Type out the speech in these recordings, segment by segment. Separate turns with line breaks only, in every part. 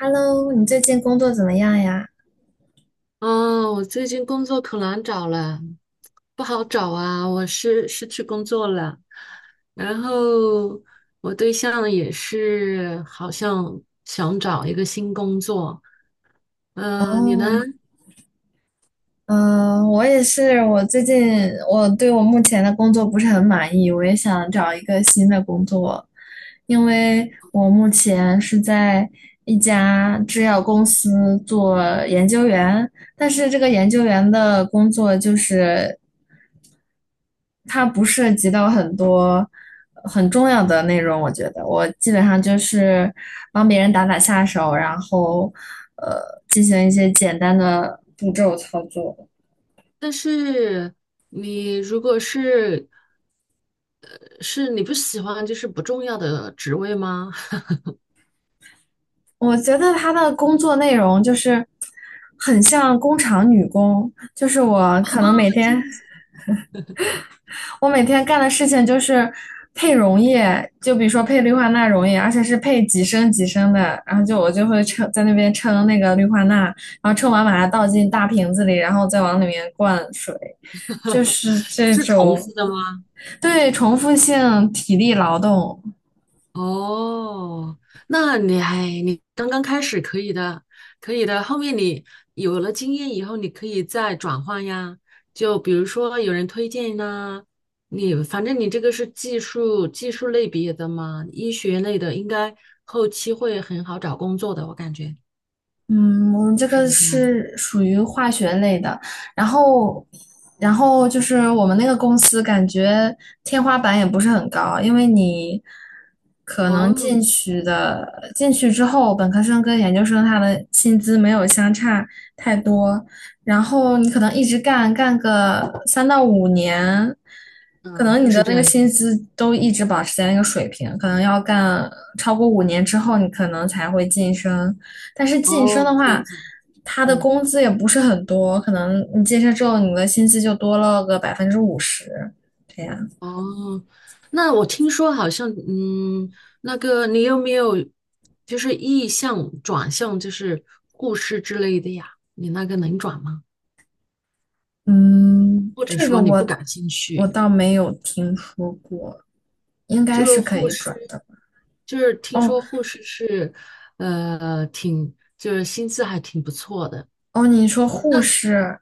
Hello，你最近工作怎么样呀？
哦，我最近工作可难找了，不好找啊，我是失去工作了，然后我对象也是好像想找一个新工作。嗯、你呢？
哦，嗯，我也是，我最近我对我目前的工作不是很满意，我也想找一个新的工作，因为我目前是在一家制药公司做研究员，但是这个研究员的工作就是它不涉及到很多很重要的内容，我觉得我基本上就是帮别人打打下手，然后进行一些简单的步骤操作。
但是你如果是是你不喜欢就是不重要的职位吗？
我觉得他的工作内容就是很像工厂女工，就是我
哦
可能每
这
天
样子，
我每天干的事情就是配溶液，就比如说配氯化钠溶液，而且是配几升几升的，然后就我就会称在那边称那个氯化钠，然后称完把它倒进大瓶子里，然后再往里面灌水，就是这
是重
种。
复的吗？
对，重复性体力劳动。
哦，那你还你刚刚开始可以的，可以的。后面你有了经验以后，你可以再转换呀。就比如说有人推荐呐、你反正你这个是技术类别的嘛，医学类的应该后期会很好找工作的，我感觉
嗯，我们这
是
个
不是？
是属于化学类的，然后，然后就是我们那个公司感觉天花板也不是很高，因为你可能
哦，
进去的，进去之后，本科生跟研究生他的薪资没有相差太多，然后你可能一直干个3到5年，可
嗯，
能
都
你的
是这
那个
样子。
薪资都一直保持在那个水平，可能要干超过5年之后，你可能才会晋升。但是晋升
哦，
的
这样
话，
子，
他的
嗯。
工资也不是很多，可能你晋升之后，你的薪资就多了个50%，这样。
哦，那我听说好像，嗯，那个你有没有就是意向转向，就是护士之类的呀？你那个能转吗？
嗯，
或者
这个
说你不
我
感兴趣？
倒没有听说过，应该
就
是
是
可
护
以转
士，
的。
就是听
哦
说护士是，挺就是薪资还挺不错的。
哦，你说
嗯
护
那
士，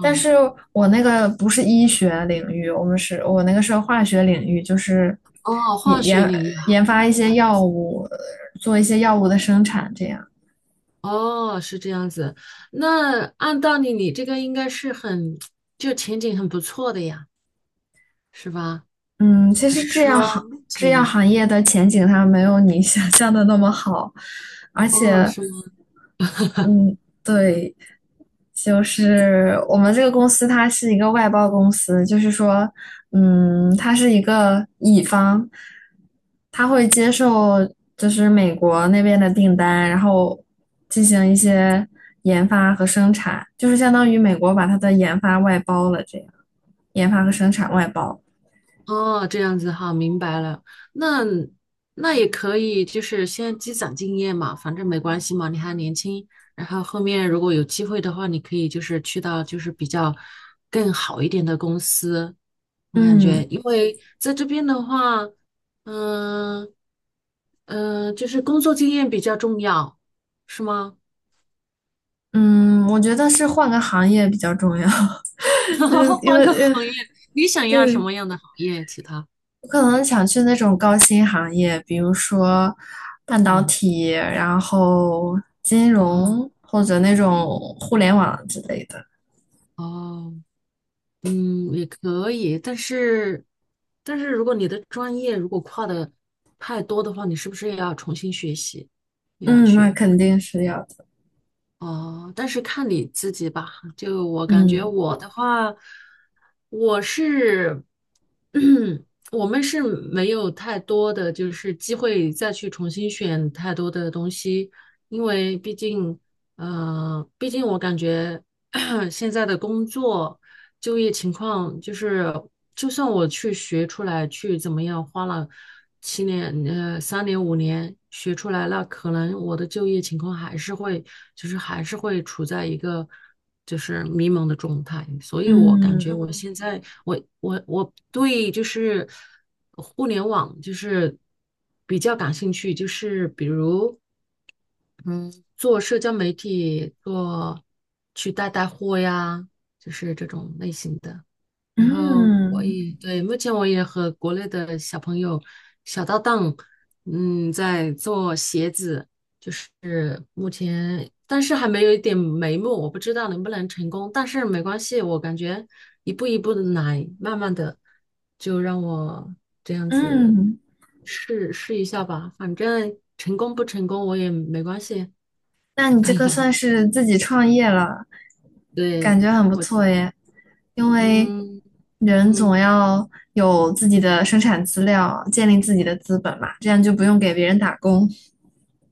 但是我那个不是医学领域，我们是我那个是化学领域，就是
哦，
研
化学
研
领域哈。
研发一些
啊
药物，做一些药物的生产这样。
哦，是这样子。那按道理，你这个应该是很，就前景很不错的呀。是吧？
嗯，其
还
实
是说目
制药
前？
行业的前景它没有你想象的那么好，而
哦，
且，
是吗？
嗯，对，就是我们这个公司它是一个外包公司，就是说，嗯，它是一个乙方，他会接受就是美国那边的订单，然后进行一些研发和生产，就是相当于美国把它的研发外包了，这样研发和生产外包。
哦，这样子哈，明白了。那那也可以，就是先积攒经验嘛，反正没关系嘛，你还年轻。然后后面如果有机会的话，你可以就是去到就是比较更好一点的公司。我感觉，
嗯，
因为在这边的话，嗯、嗯、就是工作经验比较重要，是吗？
嗯，我觉得是换个行业比较重要，嗯，因
换
为
个
因为
行业，你想要什
对，
么样的行业？其他？
我可能想去那种高薪行业，比如说半导
嗯。
体，然后金
哦
融或者那种互联网之类的。
哦，嗯，也可以，但是，但是如果你的专业如果跨的太多的话，你是不是也要重新学习，也要
嗯，那
去？
肯定是要的。
哦，但是看你自己吧。就我感觉
嗯
我的话，我是，我们是没有太多的就是机会再去重新选太多的东西，因为毕竟，毕竟我感觉 现在的工作。就业情况就是，就算我去学出来，去怎么样，花了7年、3年、5年学出来，那可能我的就业情况还是会，就是还是会处在一个就是迷茫的状态。所以我感觉
嗯
我嗯现在，我对就是互联网就是比较感兴趣，就是比如嗯，做社交媒体，做去带带货呀，就是这种类型的。然后我
嗯
也对，目前我也和国内的小朋友、小搭档，嗯，在做鞋子，就是目前，但是还没有一点眉目，我不知道能不能成功，但是没关系，我感觉一步一步的来，慢慢的，就让我这样子
嗯，嗯
试试一下吧，反正成功不成功我也没关系，
那你这个算是自己创业了，感
对，
觉很不
我就，
错耶。因为
嗯
人总
嗯。
要有自己的生产资料，建立自己的资本嘛，这样就不用给别人打工。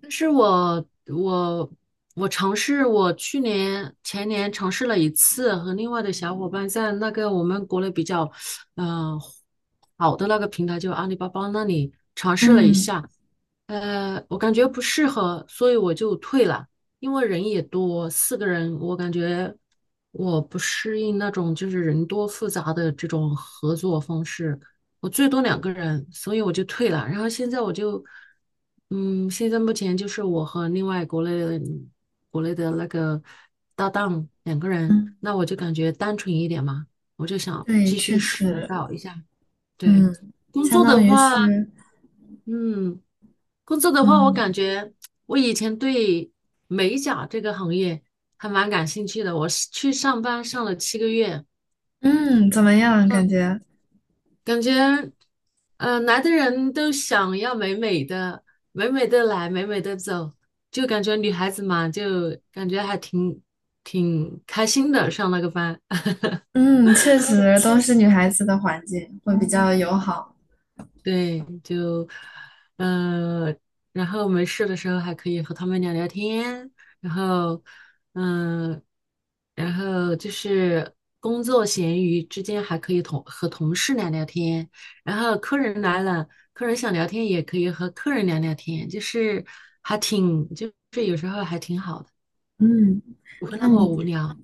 但是我尝试，我去年前年尝试了一次，和另外的小伙伴在那个我们国内比较，嗯、呃好的那个平台，就阿里巴巴那里尝试了一
嗯
下，我感觉不适合，所以我就退了。因为人也多，4个人，我感觉我不适应那种就是人多复杂的这种合作方式。我最多两个人，所以我就退了。然后现在我就，嗯，现在目前就是我和另外国内的国内的那个搭档两个人，
嗯，
那我就感觉单纯一点嘛，我就想
对，
继
确
续试
实，
搞一下。对，
嗯，
工
相
作
当
的
于
话，
是，
嗯。工作的话，我
嗯
感觉我以前对美甲这个行业还蛮感兴趣的。我是去上班上了7个月，
嗯，怎么样？感觉，
感觉，来的人都想要美美的，美美的来，美美的走，就感觉女孩子嘛，就感觉还挺开心的上那个班。
嗯，确实都是女孩子的环境会比较友好。
对，就，呃，然后没事的时候还可以和他们聊聊天，然后，嗯、然后就是工作闲余之间还可以同和同事聊聊天，然后客人来了，客人想聊天也可以和客人聊聊天，就是还挺，就是有时候还挺好的，
嗯，
不会
那
那么
你
无聊。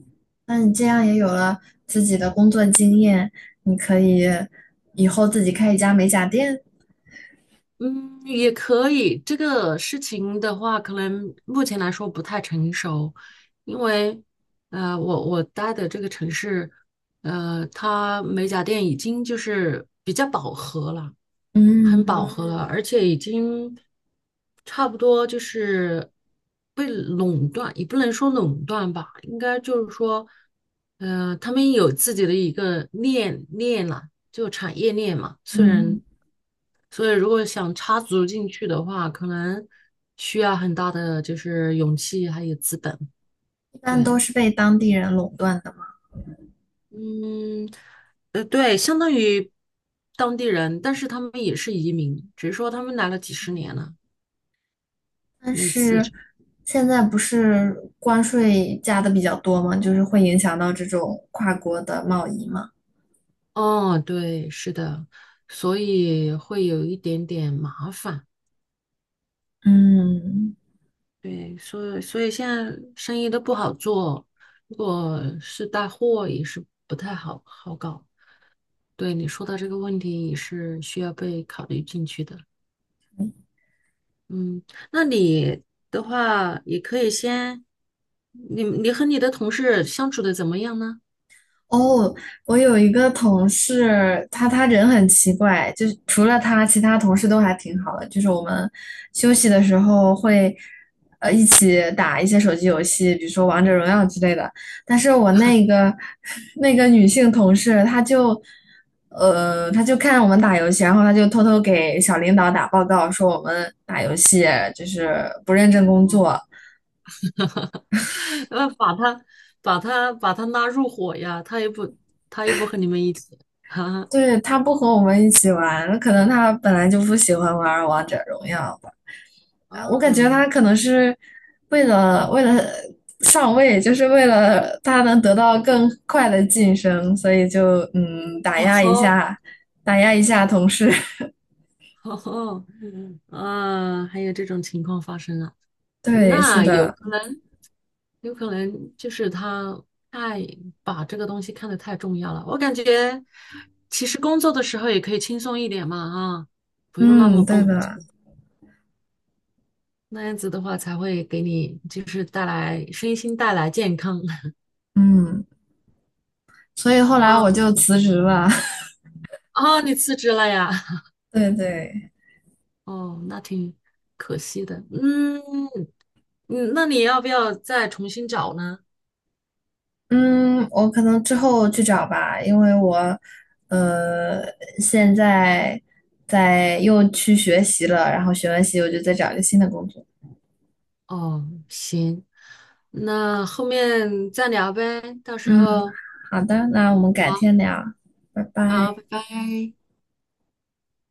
那你这样也有了自己的工作经验，你可以以后自己开一家美甲店。
嗯，也可以。这个事情的话，可能目前来说不太成熟，因为我我待的这个城市，它美甲店已经就是比较饱和了。很饱
嗯
和了，嗯而且已经差不多就是被垄断，也不能说垄断吧，应该就是说，他们有自己的一个链了，就产业链嘛。虽然，
嗯，
所以如果想插足进去的话，可能需要很大的就是勇气还有资本。
一般都
对，
是被当地人垄断的嘛。
嗯，对，相当于当地人，但是他们也是移民，只是说他们来了几十年了。
但
类似
是
这，
现在不是关税加的比较多嘛，就是会影响到这种跨国的贸易嘛。
哦，对，是的，所以会有一点点麻烦，
嗯。
对，所以现在生意都不好做，如果是带货也是不太好好搞。对，你说到这个问题也是需要被考虑进去的。嗯，那你的话也可以先，你你和你的同事相处的怎么样呢？
哦，我有一个同事，他人很奇怪，就是除了他，其他同事都还挺好的。就是我们休息的时候会，一起打一些手机游戏，比如说王者荣耀之类的。但是我那个 那个女性同事，她就，她就看我们打游戏，然后她就偷偷给小领导打报告，说我们打游戏就是不认真工
哦，
作。
要把他把他拉入伙呀，他也不和你们一起。
对，她不和我们一起玩，可能她本来就不喜欢玩王者荣耀吧。我感觉
啊，
他可能是为了上位，就是为了他能得到更快的晋升，所以就打
哦
压一
吼，
下，打压一下同事。
哦吼，啊，还有这种情况发生啊？
对，是
那有
的，
可能，有可能就是他太把这个东西看得太重要了。我感觉其实工作的时候也可以轻松一点嘛，啊，不用那
嗯，
么
对
绷，
的，
那样子的话才会给你就是带来身心带来健康。
嗯，所以后来
啊
我就辞职了。
啊，你辞职了呀？
对对，
哦，那挺可惜的。嗯嗯，那你要不要再重新找呢？
嗯，我可能之后去找吧，因为我呃现在在又去学习了，然后学完习我就再找一个新的工作。
哦，行，那后面再聊呗，到时
嗯。
候
好的，那我们改
好，
天聊，拜
好，
拜。
拜拜。